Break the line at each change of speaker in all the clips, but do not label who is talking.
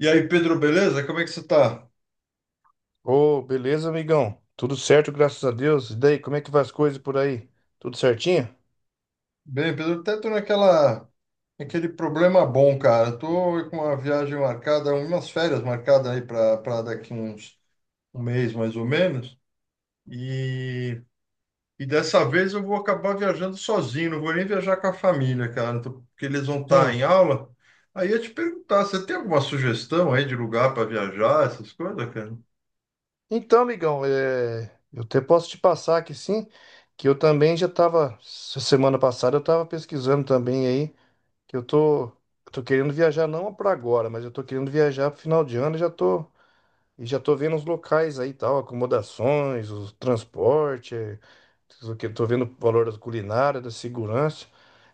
E aí, Pedro, beleza? Como é que você tá?
Ô, beleza, amigão? Tudo certo, graças a Deus. E daí, como é que vai as coisas por aí? Tudo certinho?
Bem, Pedro, até tô naquele problema bom, cara. Tô com uma viagem marcada, umas férias marcadas aí para daqui uns um mês mais ou menos. E, e dessa vez eu vou acabar viajando sozinho, não vou nem viajar com a família, cara, porque eles vão estar em
Sim.
aula. Aí eu ia te perguntar, você tem alguma sugestão aí de lugar para viajar, essas coisas, cara?
Então, amigão, eu até posso te passar aqui sim, que eu também já tava, semana passada eu tava pesquisando também aí, que eu tô querendo viajar não para agora, mas eu tô querendo viajar pro final de ano, e já tô vendo os locais aí, e tal, acomodações, o transporte, tô vendo o valor da culinária, da segurança.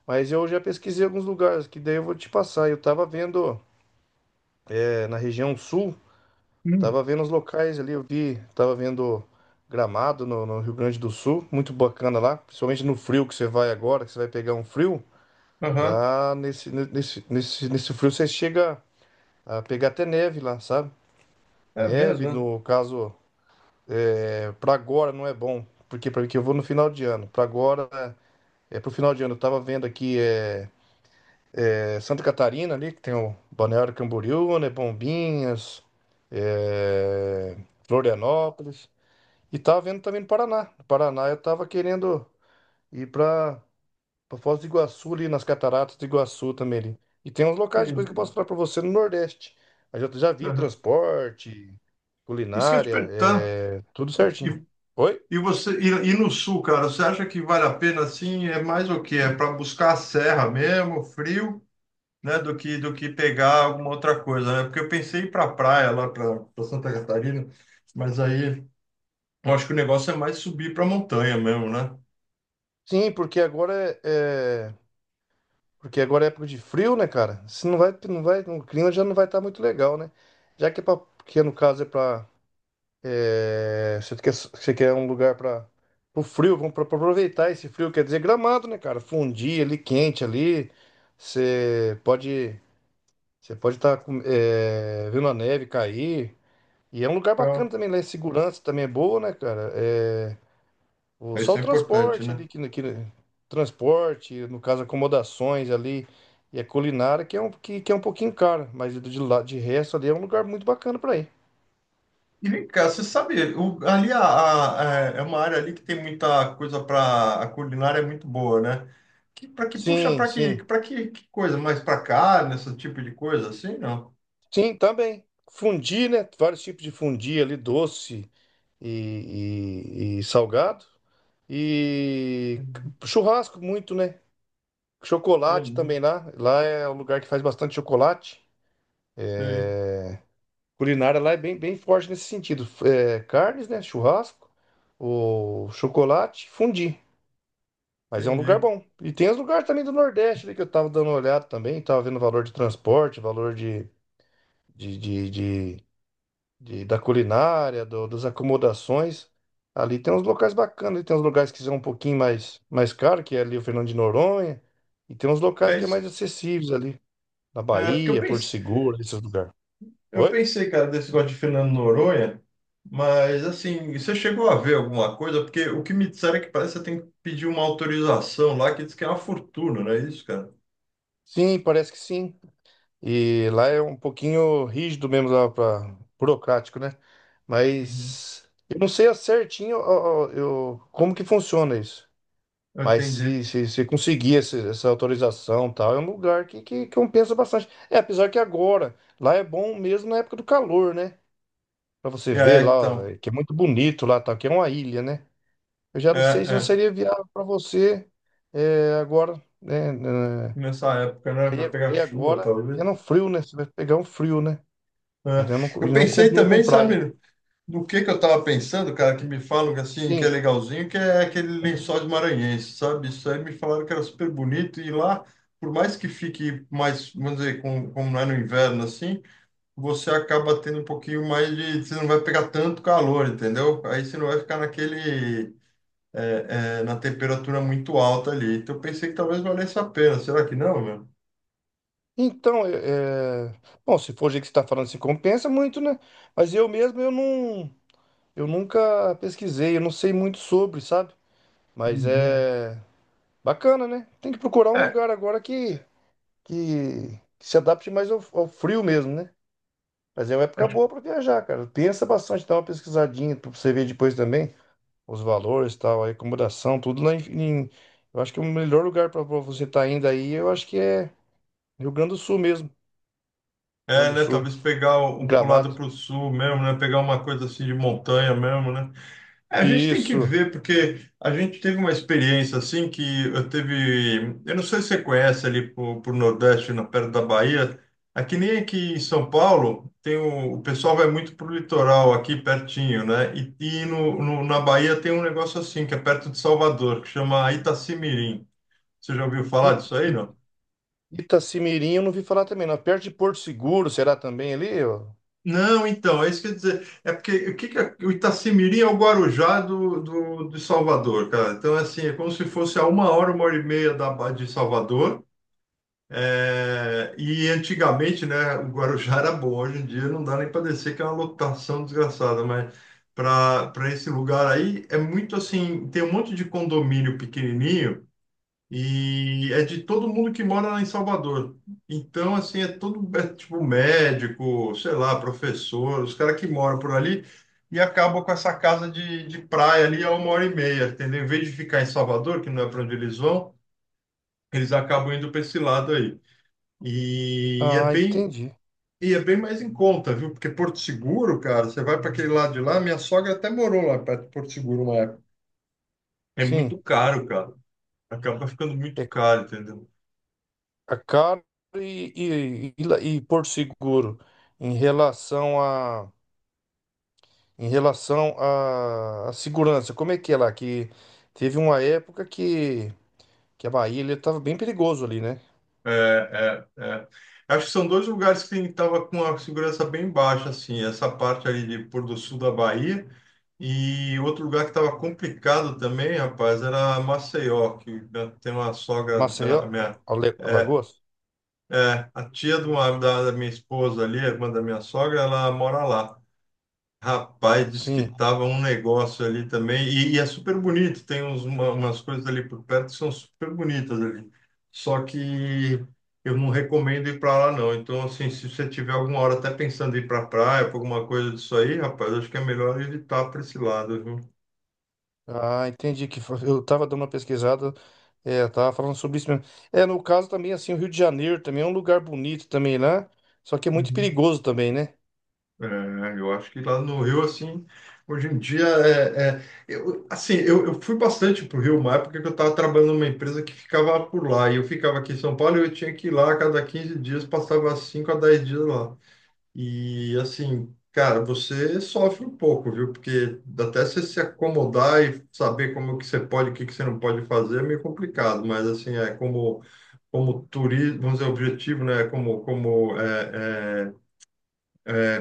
Mas eu já pesquisei alguns lugares que daí eu vou te passar. Eu tava vendo na região sul,
Hum.
tava vendo os locais ali, eu vi, tava vendo Gramado no Rio Grande do Sul, muito bacana lá, principalmente no frio que você vai agora, que você vai pegar um frio,
Aham.
lá nesse frio você chega a pegar até neve lá, sabe?
É
Neve,
mesmo, né?
no caso, para agora não é bom, porque para que eu vou no final de ano. Para agora é pro final de ano. Eu tava vendo aqui É Santa Catarina ali, que tem o Balneário Camboriú, né? Bombinhas, é, Florianópolis. E tava vendo também no Paraná. No Paraná eu tava querendo ir pra Foz do Iguaçu ali, nas cataratas do Iguaçu também ali. E tem uns locais depois que eu
Sim.
posso falar pra você no Nordeste. Mas eu já vi
Aham.
transporte,
Isso que eu ia te
culinária,
perguntar.
tudo certinho.
E
Oi?
E você e, e no sul, cara, você acha que vale a pena assim? É mais o quê? É para buscar a serra mesmo, frio, né? Do que pegar alguma outra coisa, né? Porque eu pensei em ir para praia lá para Santa Catarina, mas aí eu acho que o negócio é mais subir para montanha mesmo, né?
Sim, porque porque agora é época de frio, né, cara? Se não vai, não vai, o clima já não vai estar muito legal, né? Já que no caso é pra. Você quer um lugar para o frio, vamos pra aproveitar esse frio, quer dizer Gramado, né, cara? Fundir ali quente ali, você pode, você pode estar vendo a neve cair. E é um lugar
Então,
bacana também, lá em segurança também é boa, né, cara? Só
isso
o
é importante,
transporte
né?
ali, que transporte, no caso, acomodações ali, e a culinária, que é um pouquinho caro, mas de, lá de resto ali é um lugar muito bacana para ir.
E, cara, você sabe, ali é uma área ali que tem muita coisa para a culinária é muito boa, né? Que puxa
Sim, sim.
que coisa mais para carne, esse tipo de coisa assim, não?
Sim, também. Fundi, né? Vários tipos de fundi ali, doce e salgado. E churrasco muito, né? Chocolate
Entendi,
também lá. Lá é um lugar que faz bastante chocolate.
sei,
Culinária lá é bem, bem forte nesse sentido. É, carnes, né? Churrasco, o chocolate, fundi. Mas é um lugar
entendi.
bom. E tem os lugares também do Nordeste, né, que eu tava dando uma olhada também, tava vendo o valor de transporte, valor de, de, de- da culinária, das acomodações. Ali tem uns locais bacanas, ali tem uns lugares que são mais caro, que é ali o Fernando de Noronha, e tem uns locais
É
que é mais
isso.
acessíveis ali, na
É, porque
Bahia, Porto Seguro, esses lugares.
eu
Oi?
pensei, cara, desse negócio de Fernando Noronha, mas assim, você chegou a ver alguma coisa? Porque o que me disseram é que parece que você tem que pedir uma autorização lá, que diz que é uma fortuna, não é isso, cara?
Sim, parece que sim. E lá é um pouquinho rígido mesmo, burocrático, né?
Uhum.
Mas eu não sei certinho eu, como que funciona isso.
Eu
Mas
entendi.
se conseguir essa autorização e tal, é um lugar que compensa bastante. É, apesar que agora, lá é bom mesmo na época do calor, né? Pra você
E
ver
aí,
lá, ó,
então,
é que é muito bonito lá, tal. Que é uma ilha, né? Eu já
é,
não sei se não
é,
seria viável pra você agora, né?
nessa época, né?
E
Vai pegar chuva,
e é no
talvez.
frio, né? Você vai pegar um frio, né?
É. Eu
E não
pensei
combina com
também,
praia, né?
sabe? Do que eu tava pensando, cara, que me falam que assim, que é
Sim.
legalzinho, que é aquele lençóis maranhenses, sabe? Isso aí me falaram que era super bonito e lá, por mais que fique mais, vamos dizer, como não é no inverno assim, você acaba tendo um pouquinho mais de, você não vai pegar tanto calor, entendeu? Aí você não vai ficar naquele, é, é, na temperatura muito alta ali. Então eu pensei que talvez valesse a pena. Será que não, meu?
Bom, se for o jeito que você está falando, se compensa muito, né? Mas eu mesmo, eu não... Eu nunca pesquisei, eu não sei muito sobre, sabe? Mas
Uhum.
é... Bacana, né? Tem que procurar um
É,
lugar agora que... que se adapte mais ao frio mesmo, né? Mas é uma época
acho que
boa para viajar, cara. Pensa bastante, dá uma pesquisadinha para você ver depois também os valores, tal, a acomodação, tudo lá em... em- Eu acho que o melhor lugar para você estar tá indo aí, eu acho que é Rio Grande do Sul mesmo. Rio Grande
é,
do
né?
Sul.
Talvez pegar um pro lado
Gramado.
pro sul mesmo, né? Pegar uma coisa assim de montanha mesmo, né? É, a gente tem que
Isso.
ver, porque a gente teve uma experiência assim que eu teve. Eu não sei se você conhece ali pro Nordeste, na perto da Bahia. Aqui nem aqui em São Paulo, tem o pessoal vai muito pro litoral aqui pertinho, né? E na Bahia tem um negócio assim, que é perto de Salvador, que chama Itacimirim. Você já ouviu falar
I,
disso aí,
I,
não?
Itacimirim eu não vi falar também, não. Perto de Porto Seguro, será também ali? Ó?
Não, então, é isso que eu ia dizer. É porque o que que o Itacimirim é o Guarujá de Salvador, cara. Então, assim, é como se fosse a uma hora e meia de Salvador. É, e antigamente, né, o Guarujá era bom. Hoje em dia não dá nem para descer, que é uma lotação desgraçada. Mas para esse lugar aí, é muito assim: tem um monte de condomínio pequenininho. E é de todo mundo que mora lá em Salvador. Então, assim, é todo, é, tipo, médico, sei lá, professor, os caras que moram por ali e acabam com essa casa de praia ali a uma hora e meia, entendeu? Em vez de ficar em Salvador, que não é para onde eles vão, eles acabam indo para esse lado aí. E, e é
Ah,
bem,
entendi.
e é bem mais em conta, viu? Porque Porto Seguro, cara, você vai para aquele lado de lá, minha sogra até morou lá perto de Porto Seguro uma época. É muito
Sim.
caro, cara. Acaba ficando muito
É
caro, entendeu?
a Caro e, e Porto Seguro. Em relação a, em relação a segurança, como é que é lá? Que teve uma época que a Bahia estava bem perigoso ali, né?
É, é, é. Acho que são dois lugares que estava com a segurança bem baixa, assim, essa parte ali de pôr do sul da Bahia e outro lugar que estava complicado também, rapaz, era Maceió, que né, tem uma sogra, né, a
Maceió,
minha, é,
Alagoas?
é, a tia da minha esposa ali, a irmã da minha sogra, ela mora lá. Rapaz, disse que
Sim.
tava um negócio ali também, e é super bonito, tem uns, umas coisas ali por perto que são super bonitas ali. Só que eu não recomendo ir para lá, não. Então, assim, se você tiver alguma hora até pensando em ir para praia, para alguma coisa disso aí, rapaz, acho que é melhor evitar para esse lado, viu?
Ah, entendi eu tava dando uma pesquisada, é, tava falando sobre isso mesmo. É, no caso também, assim, o Rio de Janeiro também é um lugar bonito também, né? Só que é muito perigoso também, né?
É, eu acho que lá no Rio, assim, hoje em dia, eu, assim, eu fui bastante para o Rio uma época que eu estava trabalhando numa empresa que ficava por lá, e eu ficava aqui em São Paulo e eu tinha que ir lá a cada 15 dias, passava 5 a 10 dias lá. E, assim, cara, você sofre um pouco, viu? Porque até você se acomodar e saber como é que você pode, o que que você não pode fazer é meio complicado, mas, assim, é como, como turismo, vamos dizer, objetivo, né? Como, como é, é,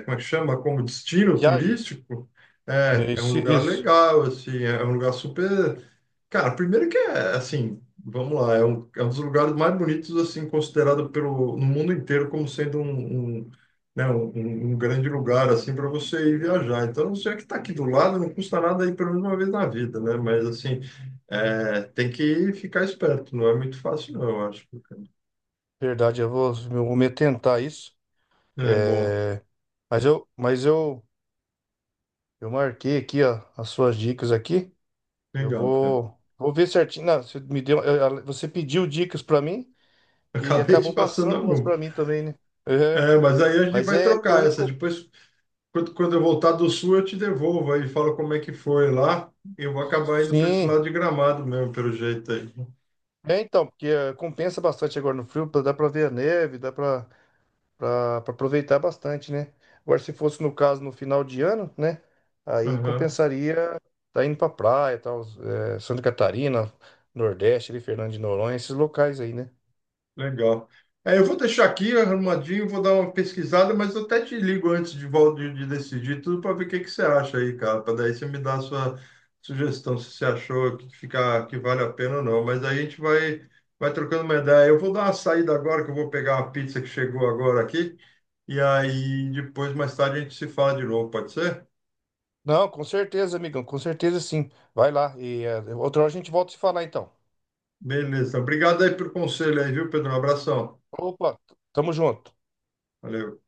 como é que chama, como destino
Viagem.
turístico, é,
É,
é um lugar
Isso.
legal, assim, é um lugar super. Cara, primeiro que é, assim, vamos lá, é um dos lugares mais bonitos, assim, considerado pelo, no mundo inteiro como sendo um, né, um grande lugar, assim, para você ir viajar. Então, se é que está aqui do lado, não custa nada ir pelo menos uma vez na vida, né? Mas, assim, é, tem que ficar esperto, não é muito fácil, não, eu acho, cara.
Verdade, eu vou me tentar isso.
É bom,
É, mas eu, mas eu, eu marquei aqui, ó, as suas dicas aqui.
legal, cara.
Vou ver certinho. Não, você me deu, você pediu dicas pra mim e
Acabei te
acabou
passando
passando
a
umas
mão.
pra mim também, né? É,
É, mas aí a gente
mas
vai
é que eu
trocar essa.
recomendo.
Depois, quando eu voltar do sul, eu te devolvo aí, falo como é que foi lá. Eu vou acabar indo para esse
Sim.
lado de Gramado mesmo, pelo jeito aí.
É, então, porque compensa bastante agora no frio, pra- dá pra ver a neve, dá pra pra aproveitar bastante, né? Agora, se fosse no caso no final de ano, né? Aí
Aham.
compensaria tá indo pra praia, tal, Santa Catarina, Nordeste, ali, Fernando de Noronha, esses locais aí, né?
Legal. É, eu vou deixar aqui arrumadinho, vou dar uma pesquisada, mas eu até te ligo antes de, de decidir tudo para ver o que você acha aí, cara. Para daí você me dar a sua sugestão, se você achou que, fica, que vale a pena ou não. Mas aí a gente vai, vai trocando uma ideia. Eu vou dar uma saída agora, que eu vou pegar uma pizza que chegou agora aqui. E aí depois, mais tarde, a gente se fala de novo, pode ser?
Não, com certeza, amigão, com certeza sim. Vai lá e outra hora a gente volta a se falar então.
Beleza. Obrigado aí pelo conselho aí, viu, Pedro? Um abração.
Opa, tamo junto.
Valeu.